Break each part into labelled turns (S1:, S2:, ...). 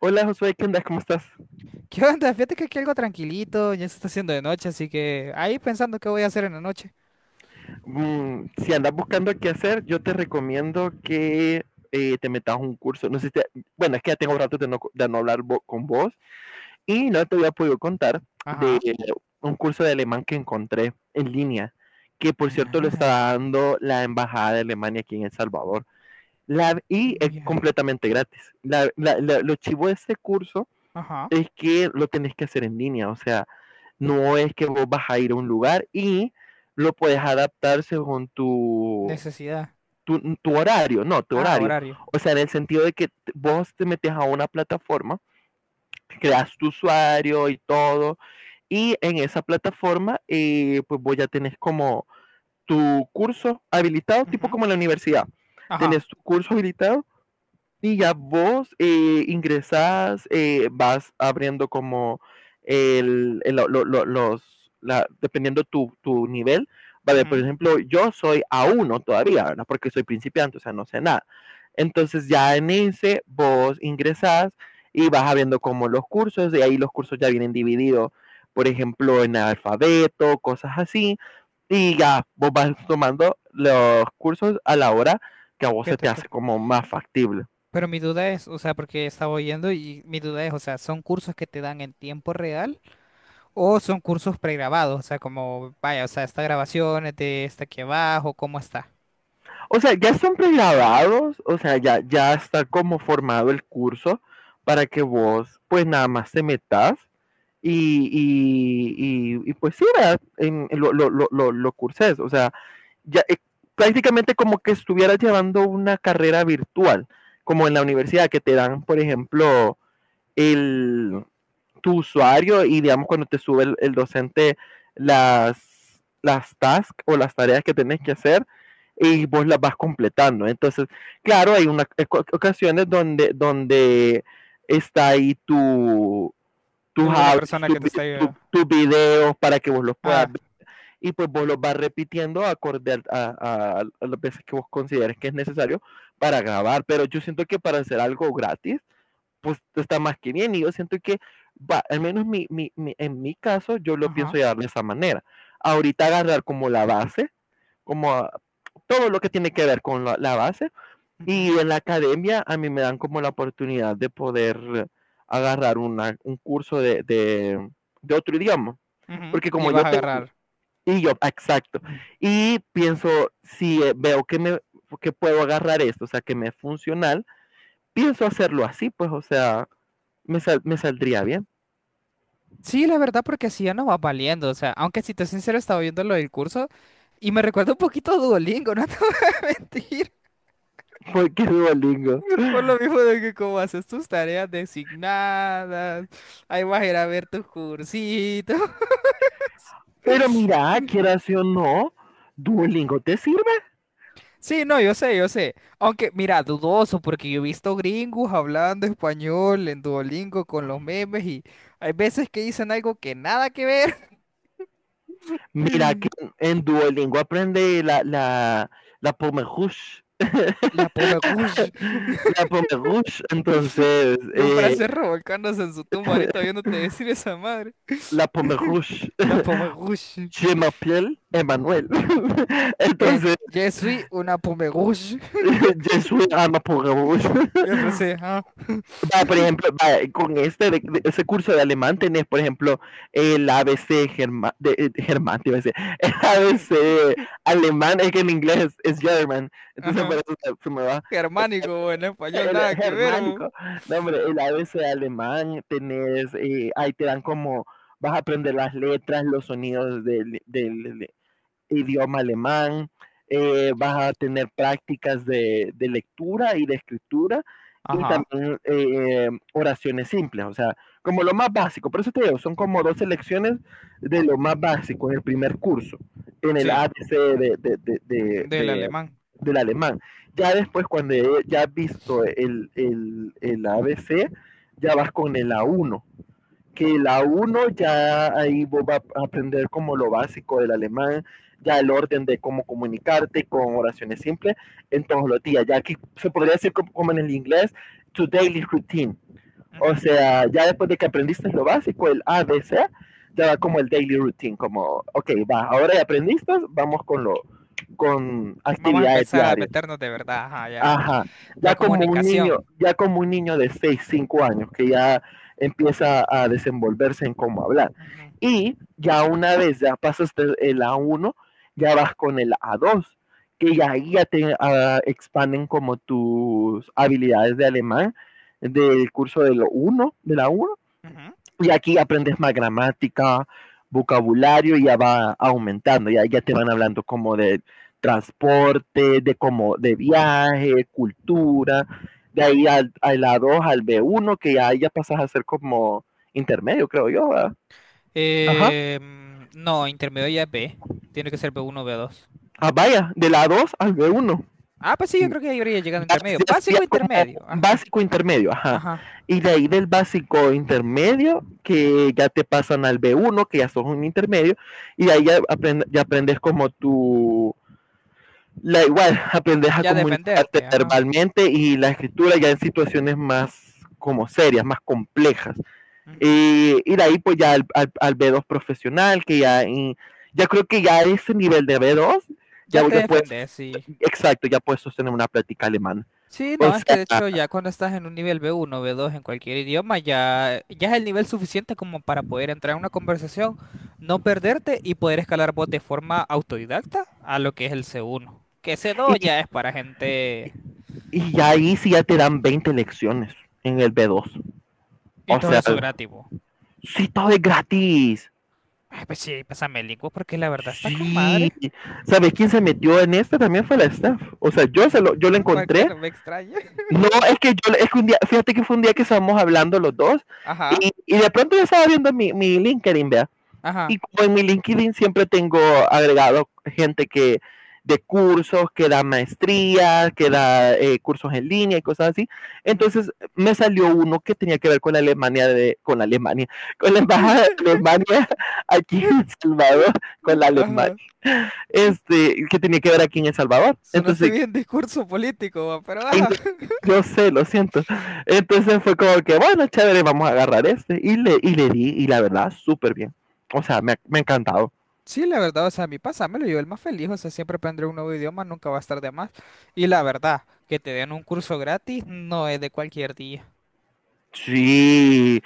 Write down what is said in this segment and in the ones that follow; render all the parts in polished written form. S1: Hola Josué, ¿qué andas? ¿Cómo estás?
S2: ¿Qué onda? Fíjate que aquí algo tranquilito, ya se está haciendo de noche, así que ahí pensando qué voy a hacer en la noche.
S1: Mm, si andas buscando qué hacer, yo te recomiendo que te metas a un curso. No sé si te- Bueno, es que ya tengo rato de no, co- de no hablar vo- con vos y no te había podido contar de
S2: Ajá.
S1: un curso de alemán que encontré en línea, que por cierto lo
S2: Ala.
S1: está dando la Embajada de Alemania aquí en El Salvador. La, y es
S2: Uy, ah.
S1: completamente gratis. La- la- la- lo chivo de este curso
S2: Ajá.
S1: es que lo tenés que hacer en línea, o sea, no es que vos vas a ir a un lugar y lo puedes adaptar según
S2: Necesidad.
S1: tu horario, no, tu
S2: Ah,
S1: horario.
S2: horario.
S1: O sea, en el sentido de que vos te metes a una plataforma, creas tu usuario y todo, y en esa plataforma, pues vos ya tenés como tu curso habilitado, tipo
S2: Ujú.
S1: como en la universidad.
S2: Ajá.
S1: Tenés tu curso habilitado y ya vos ingresás, vas abriendo como el- lo- los, la- dependiendo tu, tu nivel. Vale, por
S2: Ujú.
S1: ejemplo, yo soy a uno todavía, ¿verdad? Porque soy principiante, o sea, no sé nada. Entonces ya en ese vos ingresás y vas abriendo como los cursos, y ahí los cursos ya vienen divididos, por ejemplo, en alfabeto, cosas así. Y ya vos vas tomando los cursos a la hora que a vos
S2: ¿Qué
S1: se
S2: te
S1: te hace
S2: toca?
S1: como más factible.
S2: Pero mi duda es, o sea, porque estaba oyendo y mi duda es, o sea, ¿son cursos que te dan en tiempo real o son cursos pregrabados? O sea, como, vaya, o sea, esta grabación es de esta aquí abajo, ¿cómo está?
S1: O sea, ya están pregrabados, o sea, ya está como formado el curso para que vos, pues nada más te metas y, y, y pues sí, ¿verdad? En- lo, curses, o sea, ya prácticamente como que estuvieras llevando una carrera virtual, como en la universidad que te dan, por ejemplo, el, tu usuario y digamos cuando te sube el, docente las, tasks o las tareas que tenés que hacer y vos las vas completando. Entonces, claro, hay unas ocasiones donde, está ahí tu, tus
S2: Tú, la
S1: audios,
S2: persona
S1: tus
S2: que te está...
S1: tu, tu videos para que vos los puedas
S2: Ah,
S1: ver y pues vos los vas repitiendo acorde a, las veces que vos consideres que es necesario para grabar. Pero yo siento que para hacer algo gratis, pues está más que bien. Y yo siento que, va, al menos mi, mi- mi- en mi caso, yo lo
S2: ajá.
S1: pienso llevar de esa manera. Ahorita agarrar como la base, como a- todo lo que tiene que ver con la, base. Y
S2: Ujú,
S1: en la academia a mí me dan como la oportunidad de poder agarrar una, un curso de, otro idioma.
S2: ujú.
S1: Porque
S2: Y
S1: como
S2: vas
S1: yo
S2: a
S1: tengo,
S2: agarrar.
S1: y yo, exacto. Y pienso, si veo que me que puedo agarrar esto, o sea, que me es funcional, pienso hacerlo así, pues, o sea, me, sal- me saldría bien.
S2: Sí, la verdad, porque así ya no va valiendo. O sea, aunque si te soy sincero, estaba viendo lo del curso y me recuerda un poquito a Duolingo, no te voy a mentir.
S1: Porque Duolingo.
S2: Por lo mismo de que como haces tus tareas designadas, ahí vas a ir a ver tus cursitos.
S1: Pero mira, quieras sí o no, Duolingo te sirve.
S2: Sí, no, yo sé, yo sé. Aunque, mira, dudoso, porque yo he visto gringos hablando español en Duolingo con los memes y hay veces que dicen algo que nada que ver.
S1: Mira que
S2: Y
S1: en Duolingo aprende la Pomerrush.
S2: la pomme rouge.
S1: La Pomerrush, entonces,
S2: Y un francés revolcándose en su tumba ahorita viéndote decir esa madre.
S1: la Pomerrush.
S2: La Pomerrush.
S1: Je m'appelle Emmanuel. Entonces,
S2: Je suis una Pomerrush.
S1: je suis una Pomerrush.
S2: Y me ajá,
S1: Vaya, por ejemplo, vaya, con este de- ese curso de alemán tenés, por ejemplo, el ABC germa- de, germán, te iba a decir, el ABC alemán, es que en inglés es German, entonces por
S2: ajá.
S1: eso se, me va
S2: Germánico, en español
S1: el
S2: nada que ver. Bo.
S1: germánico. No, hombre, el ABC alemán tenés, ahí te dan como, vas a aprender las letras, los sonidos del, idioma alemán, vas a tener prácticas de, lectura y de escritura y
S2: Ajá,
S1: también oraciones simples, o sea, como lo más básico. Por eso te digo, son como dos lecciones de lo más básico en el primer curso, en el a
S2: sí,
S1: ABC
S2: del
S1: de-
S2: alemán.
S1: del alemán. Ya después, cuando ya has visto el a ABC, ya vas con el A1 que la uno ya ahí vos vas a aprender como lo básico del alemán, ya el orden de cómo comunicarte con oraciones simples en todos los días. Ya aquí se podría decir como, en el inglés, tu daily routine.
S2: Ujú.
S1: O sea, ya después de que aprendiste lo básico, el ABC, ya va como el daily routine, como, ok, va, ahora ya aprendiste, vamos con, lo, con
S2: Vamos a
S1: actividades
S2: empezar a
S1: diarias.
S2: meternos de verdad, ajá, ya,
S1: Ajá, ya
S2: ya
S1: como un
S2: comunicación.
S1: niño, ya como un niño de 6 5 años que ya empieza a desenvolverse en cómo hablar.
S2: Ujú,
S1: Y ya una vez ya pasaste el a uno, ya vas con el a dos, que ya ahí ya te ah, expanden como tus habilidades de alemán del curso de lo 1, de la uno.
S2: ujú.
S1: Y aquí aprendes más gramática, vocabulario, y ya va aumentando, ya te van hablando como de transporte, de como de viaje, cultura. De ahí al, a la 2 al b uno que ya, pasas a ser como intermedio, creo yo. ¿Verdad? Ajá.
S2: No, intermedio ya es B. Tiene que ser B1 B2.
S1: Ah, vaya, de la 2 al b uno.
S2: Ah, pues sí, yo creo que ahí habría llegado
S1: Ya,
S2: intermedio.
S1: ya sería
S2: Básico
S1: como
S2: intermedio, ajá,
S1: básico intermedio, ajá.
S2: ajá.
S1: Y de ahí del básico intermedio, que ya te pasan al b uno que ya sos un intermedio, y de ahí ya, aprend- ya aprendes como tu... La, igual, aprendes a
S2: Ya
S1: comunicarte
S2: defenderte, ajá.
S1: verbalmente y la escritura ya en situaciones más como serias, más complejas.
S2: Ujú.
S1: Y de ahí pues ya al, al- al b dos profesional, que ya, y- ya creo que ya ese nivel de b dos
S2: Ya te
S1: ya puedes,
S2: defendés, sí.
S1: exacto, ya puedes sostener una plática alemana.
S2: Sí,
S1: O
S2: no, es que
S1: sea,
S2: de hecho ya cuando estás en un nivel B1, B2 en cualquier idioma, ya es el nivel suficiente como para poder entrar en una conversación, no perderte y poder escalar vos de forma autodidacta a lo que es el C1. Que
S1: Y,
S2: C2 ya es para gente
S1: y ahí sí ya te dan 20 lecciones en el B2.
S2: y
S1: O
S2: todo
S1: sea,
S2: eso gratis. Bo.
S1: sí, todo es gratis.
S2: Ay, pues sí, pásame el link bo, porque la verdad está con
S1: Sí.
S2: madre.
S1: ¿Sabes quién se metió en este? También fue la Steph. O sea, yo se lo, yo lo
S2: Porque
S1: encontré.
S2: no me extraña.
S1: No, es que yo, es que un día, fíjate que fue un día que estábamos hablando los dos
S2: Ajá,
S1: de pronto yo estaba viendo mi, LinkedIn, vea. Y
S2: ajá.
S1: como en mi LinkedIn siempre tengo agregado gente que de cursos, que da maestría, que da cursos en línea y cosas así.
S2: Ujú.
S1: Entonces me salió uno que tenía que ver con la Alemania, de, con la Alemania, con la Embajada de Alemania aquí en El Salvador, con la Alemania,
S2: Ajá.
S1: este, que tenía que ver aquí en El Salvador.
S2: Sonaste
S1: Entonces,
S2: bien discurso político, bo, pero
S1: ay,
S2: ajá.
S1: no, yo sé, lo siento. Entonces fue como que, bueno, chévere, vamos a agarrar este. Y le di, y la verdad, súper bien. O sea, me ha encantado.
S2: Sí, la verdad, o sea, a mí pásamelo, yo el más feliz, o sea, siempre aprender un nuevo idioma, nunca va a estar de más. Y la verdad, que te den un curso gratis no es de cualquier día.
S1: Sí,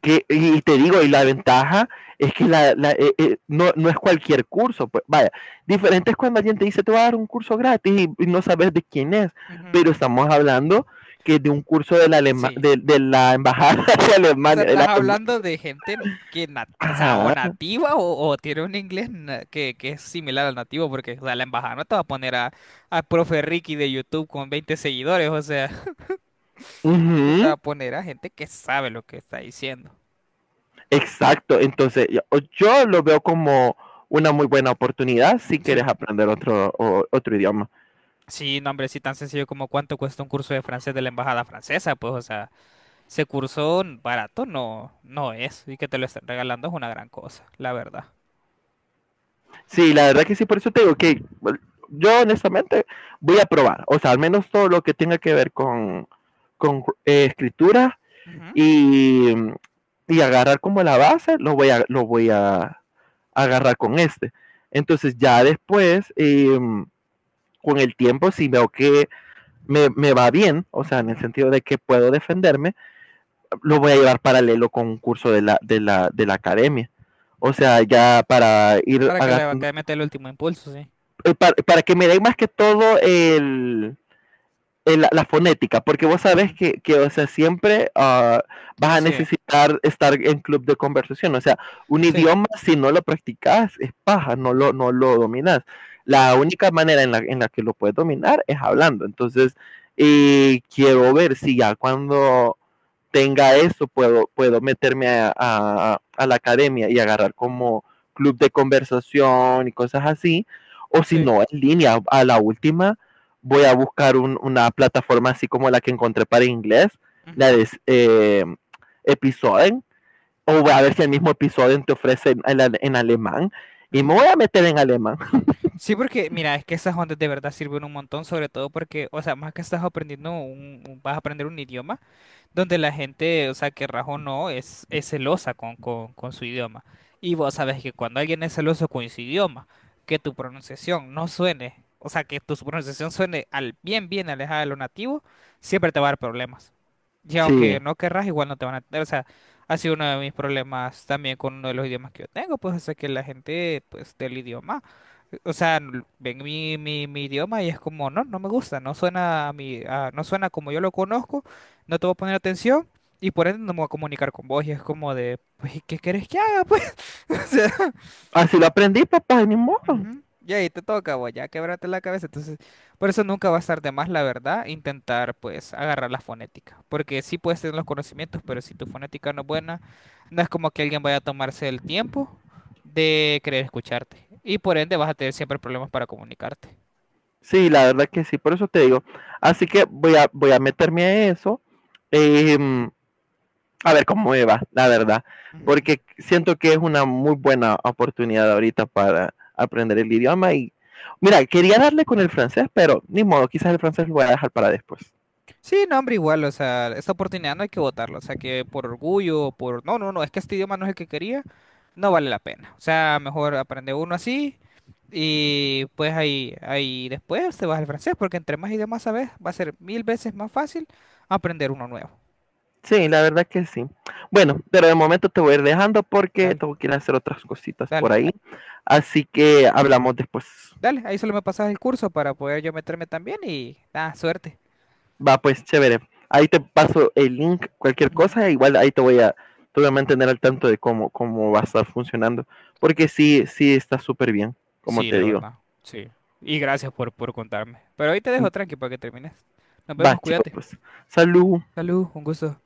S1: que, y te digo, y la ventaja es que la- no, no es cualquier curso, pues vaya, diferente es cuando alguien te dice, te voy a dar un curso gratis no sabes de quién es,
S2: Ujú,
S1: pero estamos hablando que de un curso de la, Alema-
S2: sí.
S1: de la Embajada de
S2: O sea,
S1: Alemania, de la
S2: estás
S1: Alem-
S2: hablando de gente que, o sea, o
S1: Ajá,
S2: nativa o tiene un inglés que es similar al nativo, porque, o sea, la embajada no te va a poner a profe Ricky de YouTube con 20 seguidores, o sea, tú te va
S1: ujú,
S2: a poner a gente que sabe lo que está diciendo.
S1: exacto, entonces yo, lo veo como una muy buena oportunidad si quieres
S2: Sí.
S1: aprender otro, o- otro idioma.
S2: Sí, no, hombre, sí, tan sencillo como cuánto cuesta un curso de francés de la embajada francesa, pues, o sea. Ese curso barato no, no es, y que te lo estén regalando es una gran cosa, la verdad.
S1: Sí, la verdad que sí, por eso te digo que bueno, yo honestamente voy a probar, o sea, al menos todo lo que tenga que ver con escritura
S2: Ujú,
S1: y, agarrar como la base, lo voy a agarrar con este. Entonces ya después, con el tiempo, si veo que me, va bien, o sea, en el
S2: ujú.
S1: sentido de que puedo defenderme, lo voy a llevar paralelo con un curso de la, de la academia. O sea, ya para ir
S2: Para que le
S1: agarrando
S2: acabe de meter el último impulso, sí.
S1: para, que me den más que todo el- la, fonética, porque vos sabes
S2: Ujú.
S1: que, o sea, siempre vas a
S2: Sí,
S1: necesitar estar en club de conversación, o sea, un
S2: sí,
S1: idioma si no lo practicas es paja, no lo, dominas.
S2: no,
S1: La única manera en la, que lo puedes dominar es hablando, entonces, y quiero ver si ya cuando tenga eso, puedo, meterme a, la academia y agarrar como club de conversación y cosas así, o si
S2: sí.
S1: no, en línea, a la última voy a buscar un- una plataforma así como la que encontré para inglés, la
S2: Ujú,
S1: de Episoden, o voy a ver si el mismo Episoden te ofrece en alemán, y me
S2: ujú.
S1: voy a meter en alemán.
S2: Sí, porque mira, es que esas ondas de verdad sirven un montón, sobre todo porque, o sea, más que estás aprendiendo vas a aprender un idioma. Donde la gente, o sea, que rajo no, es celosa con su idioma. Y vos sabes que cuando alguien es celoso con su idioma, que tu pronunciación no suene, o sea, que tu pronunciación suene al bien, bien alejada de lo nativo, siempre te va a dar problemas. Y aunque
S1: Sí,
S2: no querrás, igual no te van a entender. O sea, ha sido uno de mis problemas también con uno de los idiomas que yo tengo, pues, o sea, que la gente, pues, del idioma. O sea, ven mi idioma y es como, no, no me gusta, no suena a mi, no suena como yo lo conozco. No te voy a poner atención y por ende no me voy a comunicar con vos. Y es como de, pues, ¿Y qué querés que haga, pues? O sea,
S1: así lo aprendí, papá, y ni modo.
S2: ujú, y ahí te toca, vos, ya quebrate la cabeza. Entonces, por eso nunca va a estar de más, la verdad, intentar, pues, agarrar la fonética. Porque sí puedes tener los conocimientos, pero si tu fonética no es buena, no es como que alguien vaya a tomarse el tiempo de querer escucharte. Y por ende vas a tener siempre problemas para comunicarte.
S1: Sí, la verdad que sí, por eso te digo. Así que voy a, voy a meterme a eso, em, a ver cómo me va, la verdad,
S2: Ujú.
S1: porque siento que es una muy buena oportunidad ahorita para aprender el idioma y mira, quería darle con el francés, pero ni modo, quizás el francés lo voy a dejar para después.
S2: Sí, no, hombre, igual, o sea, esta oportunidad no hay que votarlo, o sea, que por orgullo, por... No, no, no, es que este idioma no es el que quería. No vale la pena. O sea, mejor aprende uno así y pues ahí después te vas al francés, porque entre más idiomas sabes, va a ser 1000 veces más fácil aprender uno nuevo.
S1: Sí, la verdad que sí. Bueno, pero de momento te voy a ir dejando porque
S2: Dale,
S1: tengo que ir a hacer otras cositas por
S2: dale,
S1: ahí, así que hablamos después.
S2: dale, ahí solo me pasas el curso para poder yo meterme también y nada, suerte.
S1: Va, pues chévere. Ahí te paso el link, cualquier
S2: Ujú.
S1: cosa, igual ahí te voy a mantener al tanto de cómo, cómo va a estar funcionando, porque sí, sí está súper bien, como
S2: Sí,
S1: te
S2: la
S1: digo.
S2: verdad, sí. Y gracias por contarme. Pero ahí te dejo tranqui para que termines. Nos
S1: Va,
S2: vemos,
S1: chicos,
S2: cuídate.
S1: pues. Salud.
S2: Salud, un gusto.